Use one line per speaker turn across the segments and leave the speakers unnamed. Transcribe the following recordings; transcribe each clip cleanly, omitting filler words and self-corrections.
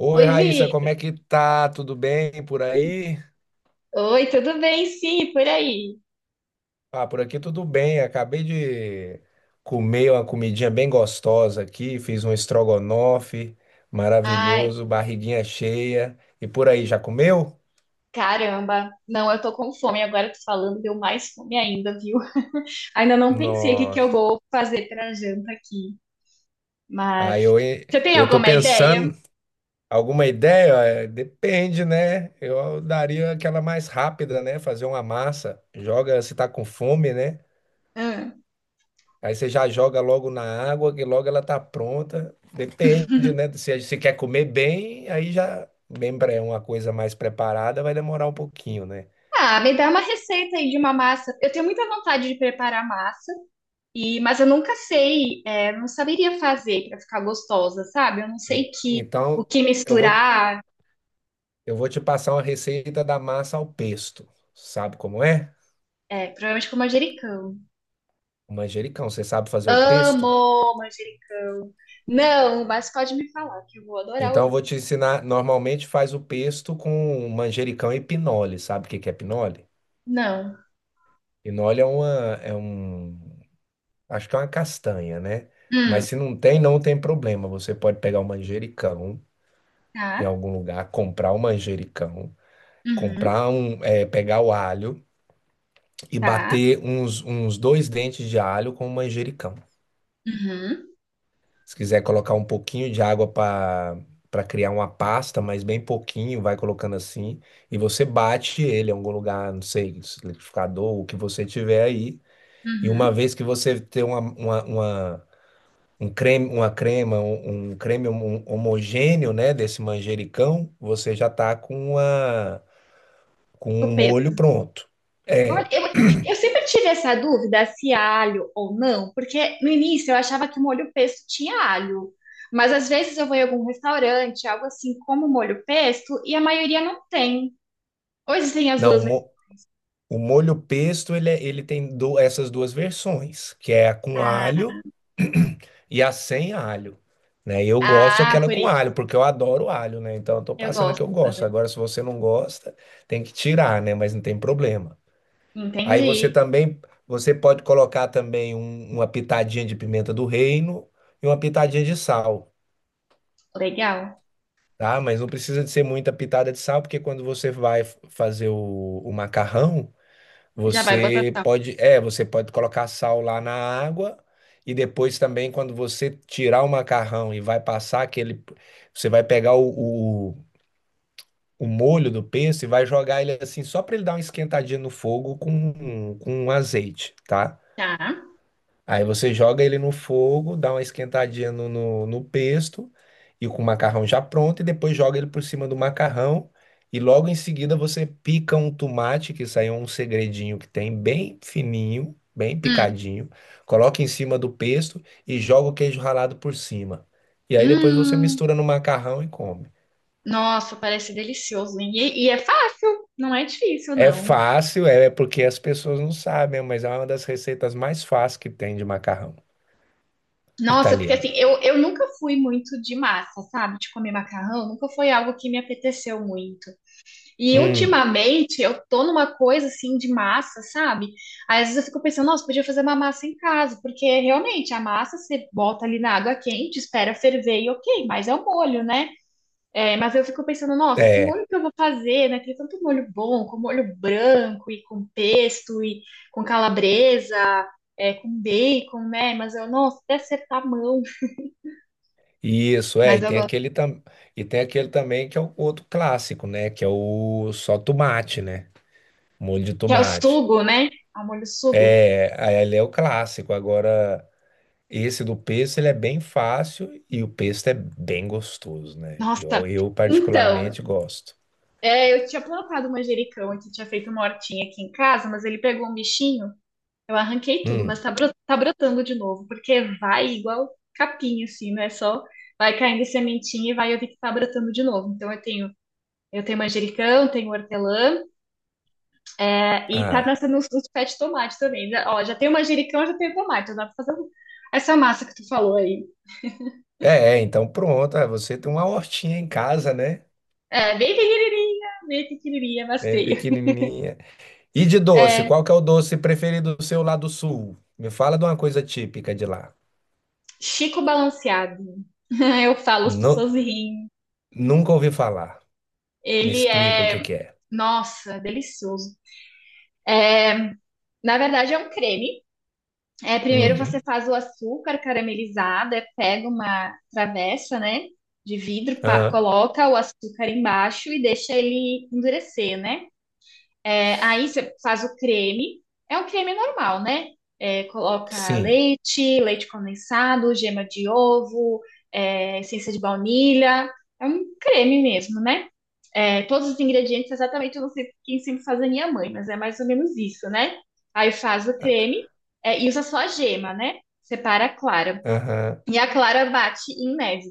Oi,
Oi,
Raíssa, como
Victor.
é que tá? Tudo bem por aí?
Oi, tudo bem? Sim, e por aí.
Ah, por aqui tudo bem. Acabei de comer uma comidinha bem gostosa aqui, fiz um estrogonofe
Ai,
maravilhoso, barriguinha cheia. E por aí, já comeu?
caramba. Não, eu tô com fome. Agora tô falando, deu mais fome ainda, viu? Ainda não pensei o que que eu
Nossa.
vou fazer pra janta aqui.
Aí
Mas
eu,
você tem
eu tô
alguma ideia?
pensando, alguma ideia? É, depende, né? Eu daria aquela mais rápida, né? Fazer uma massa. Joga se tá com fome, né?
Hum.
Aí você já joga logo na água, que logo ela tá pronta. Depende, né? Se você quer comer bem, aí já, lembra, é uma coisa mais preparada, vai demorar um pouquinho, né?
Ah, me dá uma receita aí de uma massa. Eu tenho muita vontade de preparar massa, mas eu nunca sei, não saberia fazer pra ficar gostosa, sabe? Eu não
E-
sei que o
Então,
que
eu vou,
misturar,
eu vou te passar uma receita da massa ao pesto. Sabe como é?
provavelmente com manjericão.
O manjericão, você sabe fazer o pesto?
Amo manjericão. Não, mas pode me falar que eu vou adorar
Então, eu
ouvir.
vou te ensinar. Normalmente faz o pesto com manjericão e pinole. Sabe o que que é pinole?
Não.
Pinole é uma, é um, Acho que é uma castanha, né?
Hum,
Mas se não tem, não tem problema. Você pode pegar um manjericão em
tá.
algum lugar, comprar um manjericão,
Uhum,
pegar o alho e
tá.
bater uns dois dentes de alho com o manjericão.
Uhum,
Se quiser colocar um pouquinho de água para criar uma pasta, mas bem pouquinho, vai colocando assim e você bate ele em algum lugar, não sei, liquidificador, o que você tiver aí. E uma
uhum.
vez que você ter uma um creme, uma crema, um creme homogêneo, né, desse manjericão, você já tá com com um molho
Copeto.
pronto.
Olha,
É,
eu sempre tive essa dúvida se há alho ou não, porque no início eu achava que o molho pesto tinha alho. Mas às vezes eu vou em algum restaurante, algo assim como molho pesto, e a maioria não tem. Ou existem as
não, o,
duas versões.
mo- o molho pesto, ele tem essas duas versões, que é a com
Ah,
alho e a sem alho. Né? E eu gosto
ah,
aquela
por
com
isso.
alho, porque eu adoro alho, né? Então eu tô
Eu
passando a que
gosto
eu gosto.
também.
Agora, se você não gosta, tem que tirar, né? Mas não tem problema. Aí você
Entendi.
também, você pode colocar também uma pitadinha de pimenta do reino e uma pitadinha de sal,
Legal.
tá? Mas não precisa de ser muita pitada de sal, porque quando você vai fazer o macarrão,
Já vai botar.
você pode colocar sal lá na água e depois também quando você tirar o macarrão e vai passar aquele, você vai pegar o molho do pesto e vai jogar ele assim só para ele dar uma esquentadinha no fogo com azeite, tá?
Tá.
Aí você joga ele no fogo, dá uma esquentadinha no pesto e com o macarrão já pronto, e depois joga ele por cima do macarrão. E logo em seguida você pica um tomate, que isso aí é um segredinho que tem, bem fininho, bem
Hum.
picadinho. Coloca em cima do pesto e joga o queijo ralado por cima. E aí depois você
Hum.
mistura no macarrão e come.
Nossa, parece delicioso, hein? E é fácil, não é difícil,
É
não.
fácil, é porque as pessoas não sabem, mas é uma das receitas mais fáceis que tem de macarrão
Nossa, porque assim,
italiano.
eu nunca fui muito de massa, sabe? De comer macarrão, nunca foi algo que me apeteceu muito. E
Hum,
ultimamente eu tô numa coisa assim de massa, sabe? Aí, às vezes eu fico pensando, nossa, podia fazer uma massa em casa, porque realmente a massa você bota ali na água quente, espera ferver e ok, mas é o molho, né? É, mas eu fico pensando, nossa, que
é.
molho que eu vou fazer, né? Tem tanto molho bom, com molho branco e com pesto e com calabresa, com bacon, né? Mas eu, nossa, até acertar a mão.
Isso, é,
Mas
e
eu
tem
gosto.
e tem aquele também que é o outro clássico, né? Que é o só tomate, né? Molho de
Que é o
tomate.
sugo, né? É o molho sugo.
É, aí ele é o clássico. Agora, esse do pesto, ele é bem fácil e o pesto é bem gostoso, né?
Nossa.
Eu
Então,
particularmente gosto.
eu tinha plantado manjericão aqui, tinha feito uma hortinha aqui em casa, mas ele pegou um bichinho. Eu arranquei tudo,
Hum,
mas tá, tá brotando de novo, porque vai igual capinha, assim, não é só vai caindo sementinha e vai eu vi que tá brotando de novo. Então eu tenho manjericão, tenho hortelã, e tá
ah,
nascendo uns pés de tomate também. Ó, já tenho manjericão, já tenho tomate, já dá pra fazer essa massa que tu falou aí.
é, é, então pronto. Você tem uma hortinha em casa, né?
É, bem pequenininha, mas
É
tenho.
pequenininha. E de doce,
É,
qual que é o doce preferido seu lá do sul? Me fala de uma coisa típica de lá.
Chico Balanceado. Eu falo, as
Não,
pessoas riem.
nunca ouvi falar. Me
Ele
explica o que
é,
que é.
nossa, delicioso. É, na verdade, é um creme. É, primeiro você
Uhum.
faz o açúcar caramelizado, pega uma travessa, né, de vidro,
Ah,
coloca o açúcar embaixo e deixa ele endurecer, né? É, aí você faz o creme, é um creme normal, né? É, coloca
sim.
leite, leite condensado, gema de ovo, essência de baunilha, é um creme mesmo, né? É, todos os ingredientes, exatamente, eu não sei quem sempre faz a minha mãe, mas é mais ou menos isso, né? Aí faz o creme, e usa só a gema, né? Separa a clara.
Aham.
E a clara bate em neve.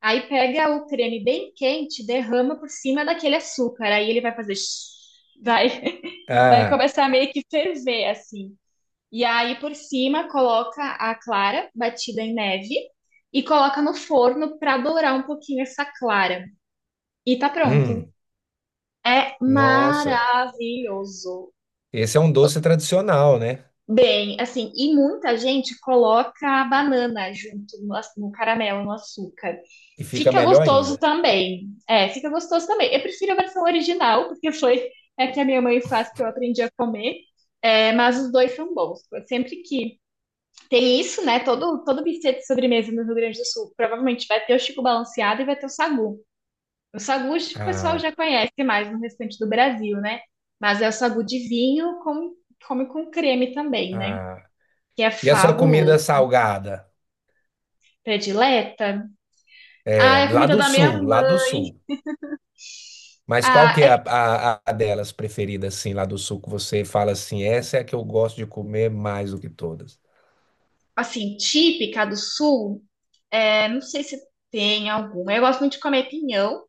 Aí pega o creme bem quente, derrama por cima daquele açúcar. Aí ele vai fazer shhh, vai, vai
Ah,
começar a meio que ferver, assim. E aí por cima coloca a clara batida em neve e coloca no forno para dourar um pouquinho essa clara. E tá pronto.
hum.
É
Nossa.
maravilhoso.
Esse é um doce tradicional, né?
Bem, assim, e muita gente coloca a banana junto no caramelo, no açúcar.
E fica
Fica
melhor
gostoso
ainda.
também. É, fica gostoso também. Eu prefiro a versão original, porque foi é que a minha mãe faz que eu aprendi a comer. É, mas os dois são bons. Sempre que tem isso, né? Todo buffet de sobremesa no Rio Grande do Sul provavelmente vai ter o Chico Balanceado e vai ter o Sagu. O sagu o pessoal já
Ah,
conhece mais no restante do Brasil, né? Mas é o sagu de vinho, com, come com creme também, né?
ah.
Que é
E a sua comida
fabuloso.
salgada?
Predileta.
É,
Ah, é a
lá
comida
do
da minha
sul, lá do
mãe.
sul. Mas qual
Ah,
que é
é
a delas preferida, assim, lá do sul, que você fala assim, essa é a que eu gosto de comer mais do que todas?
assim, típica do sul. É, não sei se tem alguma. Eu gosto muito de comer pinhão,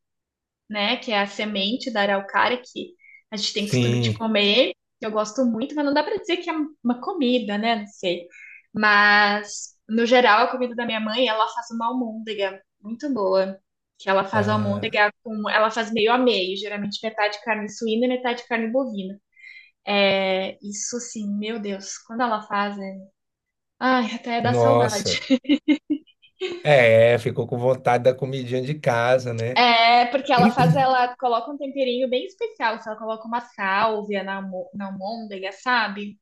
né? Que é a semente da araucária que a gente tem costume de
Sim.
comer, que eu gosto muito, mas não dá para dizer que é uma comida, né? Não sei. Mas, no geral, a comida da minha mãe, ela faz uma almôndega muito boa. Que ela faz
Ah,
almôndega com. Ela faz meio a meio, geralmente metade carne suína e metade carne bovina. É, isso sim, meu Deus, quando ela faz, é... Ai, até dá saudade.
nossa. É, ficou com vontade da comidinha de casa, né?
É, porque ela faz, ela coloca um temperinho bem especial, se ela coloca uma sálvia na, na almôndega, sabe?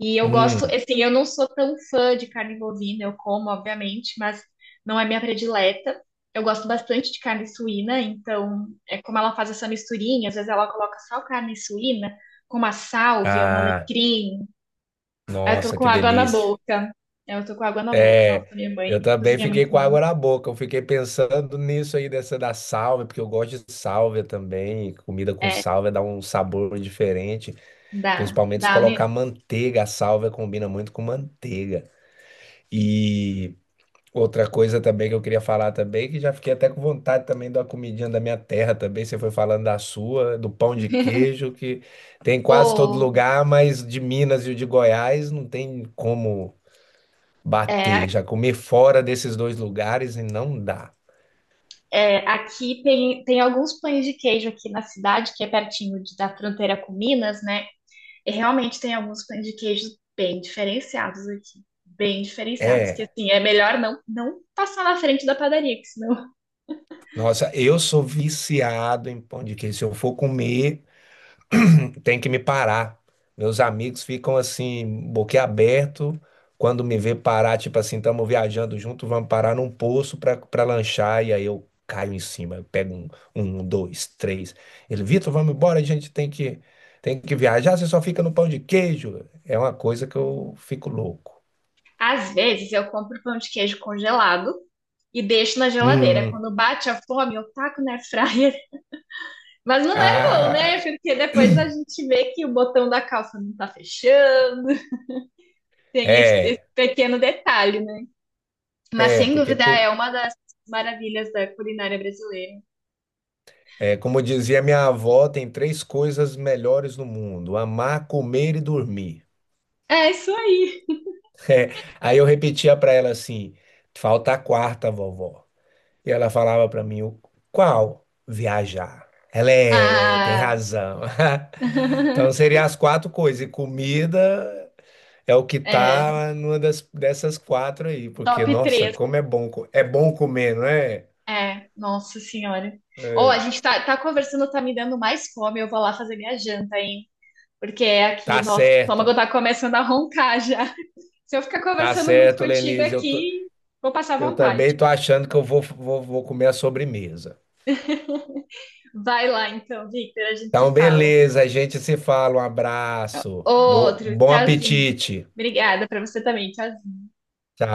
E eu gosto,
Hum.
assim, eu não sou tão fã de carne bovina, eu como, obviamente, mas não é minha predileta. Eu gosto bastante de carne suína, então é como ela faz essa misturinha, às vezes ela coloca só carne suína com uma sálvia, um
Ah,
alecrim. Aí eu tô
nossa,
com
que
água na
delícia.
boca. É, eu tô com água na boca. Nossa,
É,
minha mãe
eu também
cozinha
fiquei
muito
com
bom.
água na boca. Eu fiquei pensando nisso aí, dessa da sálvia, porque eu gosto de sálvia também. Comida com
É,
sálvia dá um sabor diferente.
dá,
Principalmente se
dá mesmo.
colocar manteiga. A sálvia combina muito com manteiga. E. Outra coisa também que eu queria falar também, que já fiquei até com vontade também da comidinha da minha terra também. Você foi falando da sua, do pão de queijo, que tem em quase todo
Ô,
lugar, mas de Minas e o de Goiás não tem como
é,
bater. Já comer fora desses dois lugares e não dá.
é, aqui tem alguns pães de queijo aqui na cidade, que é pertinho da fronteira com Minas, né? E realmente tem alguns pães de queijo bem diferenciados aqui. Bem diferenciados, que
É,
assim, é melhor não passar na frente da padaria, que senão.
nossa, eu sou viciado em pão de queijo. Se eu for comer, tem que me parar. Meus amigos ficam assim, boquiaberto, quando me vê parar, tipo assim, estamos viajando junto, vamos parar num poço para lanchar, e aí eu caio em cima, eu pego um, dois, três. Ele, Vitor, vamos embora, a gente tem que viajar, você só fica no pão de queijo. É uma coisa que eu fico louco.
Às vezes eu compro pão de queijo congelado e deixo na geladeira.
Hum,
Quando bate a fome, eu taco na airfryer. Mas não é bom, né?
ah,
Porque depois a gente vê que o botão da calça não tá fechando, tem esse
é,
pequeno detalhe. Mas
é,
sem dúvida é uma das maravilhas da culinária brasileira.
é, como dizia minha avó, tem três coisas melhores no mundo: amar, comer e dormir.
É isso aí.
É, aí eu repetia para ela assim: falta a quarta, vovó. E ela falava para mim: qual? Viajar. Ela é, tem
Ah,
razão. Então seriam as quatro coisas. E comida é o que
é,
tá dessas quatro aí, porque
top
nossa,
três.
como é bom, é bom comer, não é?
É, nossa senhora. Ou a
É.
gente tá conversando, tá me dando mais fome. Eu vou lá fazer minha janta, hein? Porque é
Tá
aqui, nossa, o
certo,
estômago tá começando a roncar já. Se eu ficar
tá
conversando muito
certo,
contigo
Lenise.
aqui, vou passar
Eu
vontade.
também tô achando que eu vou, vou comer a sobremesa.
Vai lá então, Victor, a gente
Então,
se fala.
beleza, a gente se fala. Um abraço.
Outro,
Bom
tchauzinho.
apetite.
Obrigada pra você também, tchauzinho.
Tchau.